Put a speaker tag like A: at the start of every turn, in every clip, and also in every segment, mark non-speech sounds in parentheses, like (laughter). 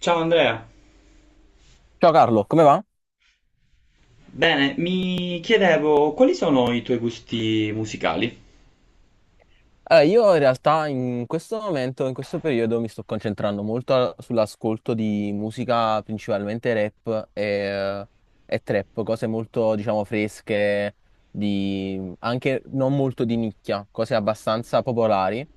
A: Ciao Andrea,
B: Ciao Carlo, come va?
A: bene, mi chiedevo quali sono i tuoi gusti musicali?
B: Allora, io in realtà in questo momento, in questo periodo, mi sto concentrando molto sull'ascolto di musica, principalmente rap e trap, cose molto, diciamo, fresche, di, anche non molto di nicchia, cose abbastanza popolari,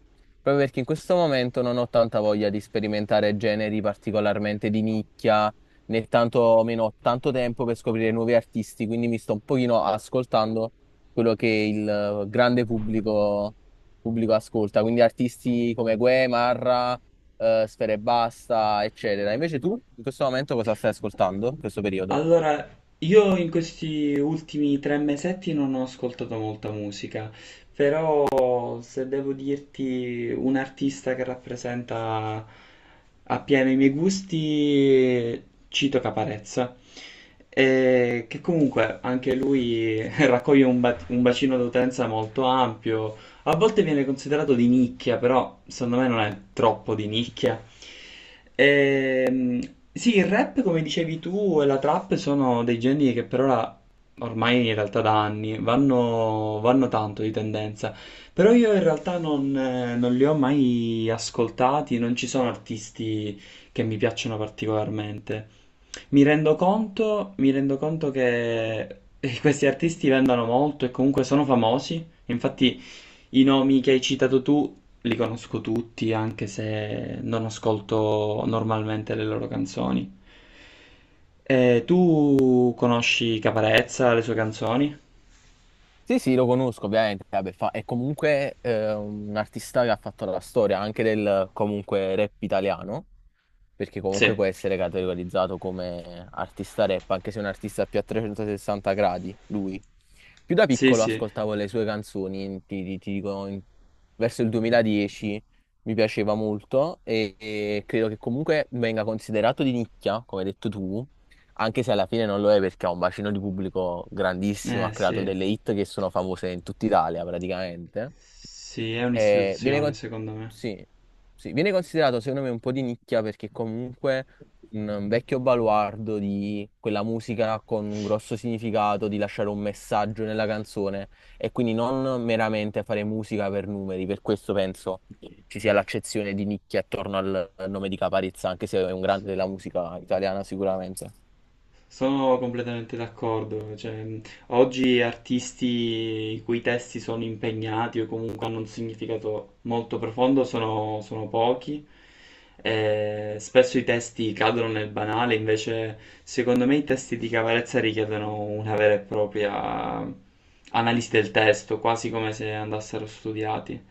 B: proprio perché in questo momento non ho tanta voglia di sperimentare generi particolarmente di nicchia, né tanto meno ho tanto tempo per scoprire nuovi artisti, quindi mi sto un pochino ascoltando quello che il grande pubblico ascolta, quindi artisti come Gue, Marra, Sfera Ebbasta, eccetera. Invece tu, in questo momento, cosa stai ascoltando in questo periodo?
A: Allora, io in questi ultimi tre mesetti non ho ascoltato molta musica, però se devo dirti un artista che rappresenta appieno i miei gusti, cito Caparezza, che comunque anche lui (laughs) raccoglie un bacino d'utenza molto ampio. A volte viene considerato di nicchia, però secondo me non è troppo di nicchia. Ehm, sì, il rap, come dicevi tu, e la trap sono dei generi che per ora, ormai in realtà da anni, vanno tanto di tendenza. Però io in realtà non li ho mai ascoltati, non ci sono artisti che mi piacciono particolarmente. Mi rendo conto che questi artisti vendono molto e comunque sono famosi. Infatti, i nomi che hai citato tu li conosco tutti, anche se non ascolto normalmente le loro canzoni. Tu conosci Caparezza, le sue canzoni?
B: Sì, sì, lo conosco ovviamente, vabbè, è comunque un artista che ha fatto la storia anche del comunque rap italiano, perché
A: Sì,
B: comunque può essere categorizzato come artista rap, anche se è un artista più a 360 gradi, lui. Più da
A: sì,
B: piccolo
A: sì,
B: ascoltavo le sue canzoni, ti dico, verso il 2010 mi piaceva molto e credo che comunque venga considerato di nicchia, come hai detto tu, anche se alla fine non lo è perché ha un bacino di pubblico grandissimo,
A: eh
B: ha creato
A: sì,
B: delle hit che sono famose in tutta Italia praticamente.
A: sì, è
B: Eh, viene,
A: un'istituzione
B: con-
A: secondo me.
B: sì, sì, viene considerato secondo me un po' di nicchia perché comunque un vecchio baluardo di quella musica con un grosso significato, di lasciare un messaggio nella canzone e quindi non meramente fare musica per numeri, per questo penso ci sia l'accezione di nicchia attorno al nome di Caparezza, anche se è un
A: Sì.
B: grande della musica italiana sicuramente.
A: Sono completamente d'accordo, cioè, oggi artisti i cui testi sono impegnati o comunque hanno un significato molto profondo sono pochi, e spesso i testi cadono nel banale, invece secondo me i testi di Cavarezza richiedono una vera e propria analisi del testo, quasi come se andassero studiati.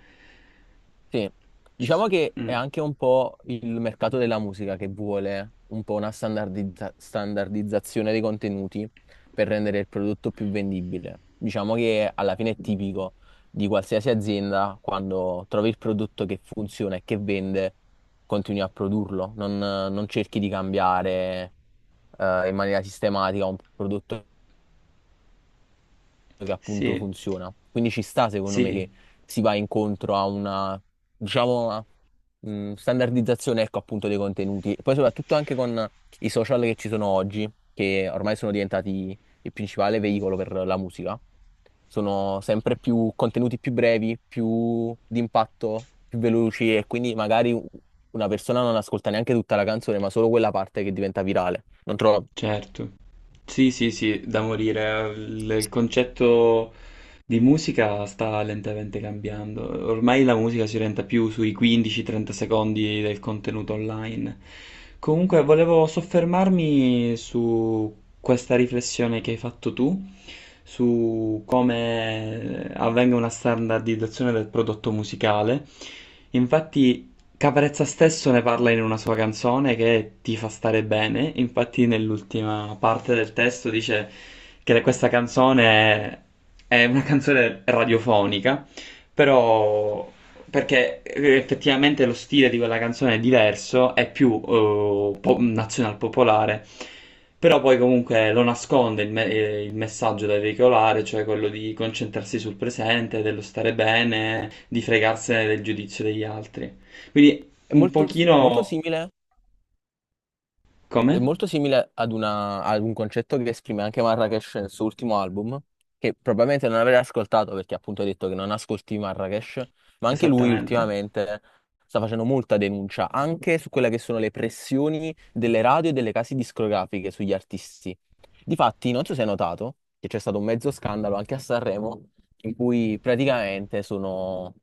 B: Sì,
A: Ci
B: diciamo
A: s-
B: che è
A: mm,
B: anche un po' il mercato della musica che vuole un po' una standardizzazione dei contenuti per rendere il prodotto più vendibile. Diciamo che alla fine è tipico di qualsiasi azienda, quando trovi il prodotto che funziona e che vende, continui a produrlo, non cerchi di cambiare in maniera sistematica un prodotto che appunto
A: Sì,
B: funziona. Quindi ci sta, secondo me,
A: sì.
B: che si va incontro a una, diciamo, standardizzazione, ecco, appunto, dei contenuti. E poi soprattutto anche con i social che ci sono oggi, che ormai sono diventati il principale veicolo per la musica. Sono sempre più contenuti più brevi, più d'impatto, più veloci e quindi magari una persona non ascolta neanche tutta la canzone, ma solo quella parte che diventa virale. Non trovo...
A: Certo. Sì, sì, sì, da morire. Il concetto di musica sta lentamente cambiando. Ormai la musica si orienta più sui 15-30 secondi del contenuto online. Comunque, volevo soffermarmi su questa riflessione che hai fatto tu, su come avvenga una standardizzazione del prodotto musicale. Infatti, Caparezza stesso ne parla in una sua canzone che ti fa stare bene, infatti nell'ultima parte del testo dice che questa canzone è una canzone radiofonica, però perché effettivamente lo stile di quella canzone è diverso, è più nazional popolare, però poi comunque lo nasconde il messaggio da veicolare, cioè quello di concentrarsi sul presente, dello stare bene, di fregarsene del giudizio degli altri. Quindi
B: È
A: un
B: molto, molto
A: pochino.
B: simile
A: Come?
B: È molto simile ad, ad un concetto che esprime anche Marrakesh nel suo ultimo album, che probabilmente non avrei ascoltato perché appunto ha detto che non ascolti Marrakesh, ma anche lui
A: Esattamente.
B: ultimamente sta facendo molta denuncia anche su quelle che sono le pressioni delle radio e delle case discografiche sugli artisti. Difatti, non so se hai notato che c'è stato un mezzo scandalo anche a Sanremo in cui praticamente sono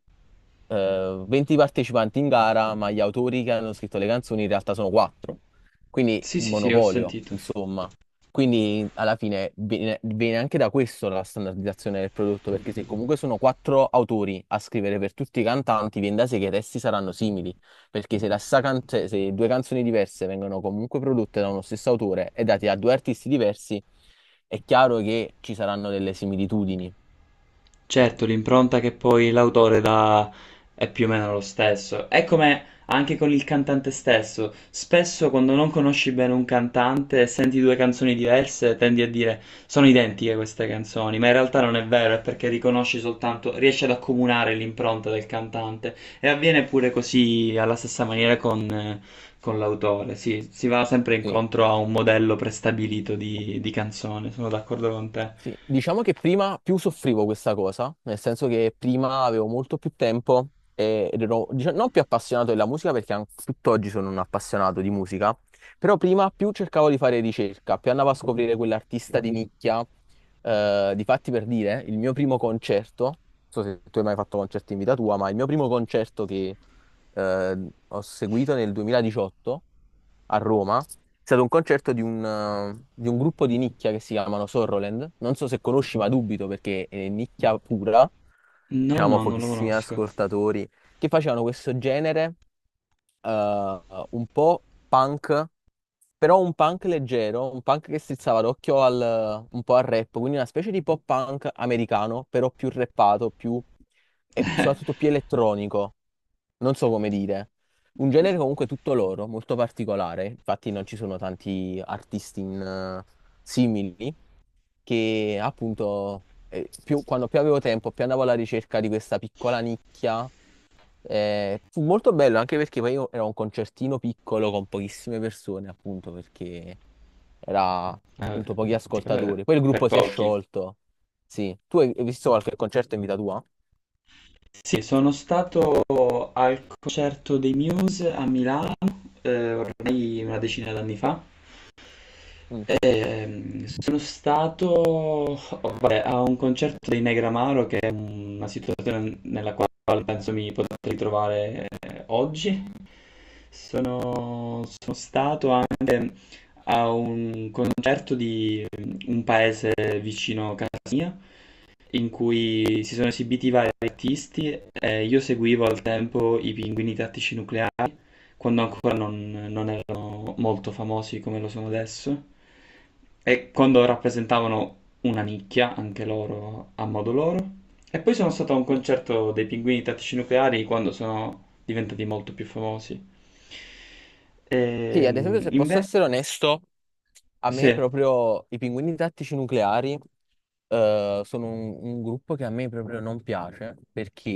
B: 20 partecipanti in gara, ma gli autori che hanno scritto le canzoni in realtà sono 4, quindi
A: Sì,
B: un
A: sì, sì, ho
B: monopolio,
A: sentito.
B: insomma. Quindi alla fine viene anche da questo la standardizzazione del prodotto, perché se comunque sono quattro autori a scrivere per tutti i cantanti, viene da sé che i testi saranno simili, perché se, cioè, se due canzoni diverse vengono comunque prodotte da uno stesso autore e date a due artisti diversi, è chiaro che ci saranno delle similitudini.
A: Certo, l'impronta che poi l'autore dà è più o meno lo stesso. È come anche con il cantante stesso. Spesso quando non conosci bene un cantante e senti due canzoni diverse, tendi a dire sono identiche queste canzoni, ma in realtà non è vero, è perché riconosci soltanto, riesci ad accomunare l'impronta del cantante. E avviene pure così alla stessa maniera con l'autore. Sì, si va sempre
B: Sì,
A: incontro a un modello prestabilito di canzone, sono d'accordo con te.
B: sì. Diciamo che prima più soffrivo questa cosa, nel senso che prima avevo molto più tempo ed ero non più appassionato della musica perché anche tutt'oggi sono un appassionato di musica, però prima più cercavo di fare ricerca, più andavo a scoprire quell'artista di nicchia. Difatti per dire, il mio primo concerto, non so se tu hai mai fatto concerti in vita tua, ma il mio primo concerto che ho seguito nel 2018 a Roma. È stato un concerto di di un gruppo di nicchia che si chiamano Sorroland. Non so se conosci, ma dubito perché è nicchia pura,
A: No,
B: diciamo
A: no, non lo
B: pochissimi
A: conosco.
B: ascoltatori, che facevano questo genere eh, un po' punk, però un punk leggero, un punk che strizzava l'occhio al, un po' al rap, quindi una specie di pop punk americano, però più rappato, più, e soprattutto più elettronico, non so come dire. Un genere comunque tutto loro, molto particolare, infatti non ci sono tanti artisti simili, che appunto quando più avevo tempo, più andavo alla ricerca di questa piccola nicchia. Fu molto bello anche perché poi io era un concertino piccolo con pochissime persone, appunto, perché era
A: Ah,
B: appunto pochi
A: sì, per,
B: ascoltatori. Poi il
A: per
B: gruppo si è
A: pochi.
B: sciolto. Sì. Tu hai visto qualche concerto in vita tua?
A: Sì, sono stato al concerto dei Muse a Milano, ormai una decina d'anni fa.
B: Mm.
A: E sono stato, oh, vabbè, a un concerto dei Negramaro, che è una situazione nella quale penso mi potrei trovare oggi. Sono stato anche a un concerto di un paese vicino a casa mia in cui si sono esibiti vari artisti e io seguivo al tempo i Pinguini Tattici Nucleari quando ancora non erano molto famosi come lo sono adesso e quando rappresentavano una nicchia anche loro a modo loro. E poi sono stato a un
B: Sì,
A: concerto dei Pinguini Tattici Nucleari quando sono diventati molto più famosi.
B: sì, ad esempio,
A: Ehm,
B: se posso
A: inve-
B: essere onesto, a me
A: sì,
B: proprio i Pinguini Tattici Nucleari sono un gruppo che a me proprio non piace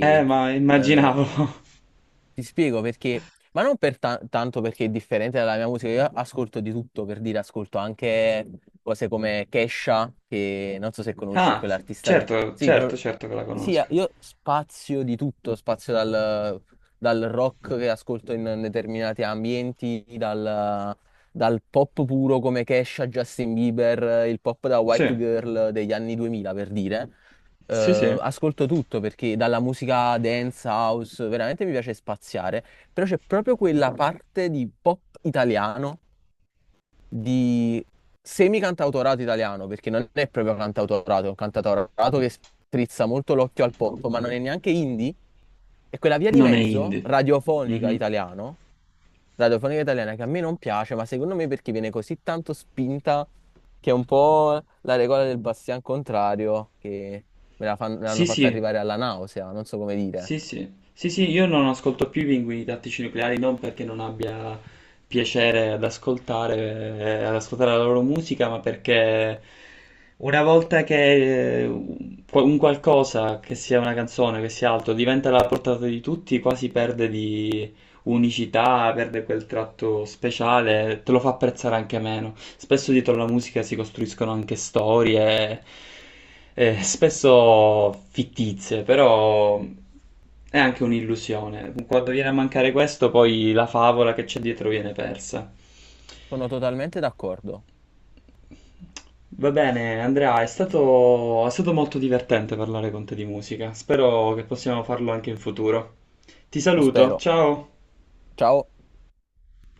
A: ma
B: eh,
A: immaginavo. (laughs)
B: ti spiego perché, ma non per tanto perché è differente dalla mia musica, io ascolto di tutto, per dire, ascolto anche cose come Kesha, che non so se conosci è
A: Ah,
B: quell'artista che...
A: certo,
B: Sì,
A: certo, certo che la
B: sì,
A: conosco.
B: io spazio di tutto, spazio dal rock che ascolto in determinati ambienti, dal pop puro come Kesha, Justin Bieber, il pop da White
A: Sì,
B: Girl degli anni 2000, per dire,
A: sì, sì.
B: ascolto tutto perché dalla musica dance, house, veramente mi piace spaziare, però c'è proprio quella parte di pop italiano, di semi-cantautorato italiano, perché non è proprio cantautorato, è un cantautorato che strizza molto l'occhio al pop, ma non è neanche indie, è quella via di
A: Non è
B: mezzo
A: indie. Mhm.
B: radiofonica italiana che a me non piace, ma secondo me perché viene così tanto spinta che è un po' la regola del bastian contrario che me l'hanno
A: Sì,
B: fatta
A: sì,
B: arrivare alla nausea, non so come dire.
A: sì, sì. Sì, sì, io non ascolto più i Pinguini Tattici Nucleari, non perché non abbia piacere ad ascoltare la loro musica, ma perché una volta che un qualcosa, che sia una canzone, che sia altro, diventa alla portata di tutti, quasi perde di unicità, perde quel tratto speciale, te lo fa apprezzare anche meno. Spesso dietro la musica si costruiscono anche storie, spesso fittizie, però è anche un'illusione. Quando viene a mancare questo, poi la favola che c'è dietro viene persa.
B: Sono totalmente d'accordo.
A: Va bene, Andrea, è stato molto divertente parlare con te di musica. Spero che possiamo farlo anche in futuro. Ti
B: Lo
A: saluto,
B: spero.
A: ciao!
B: Ciao.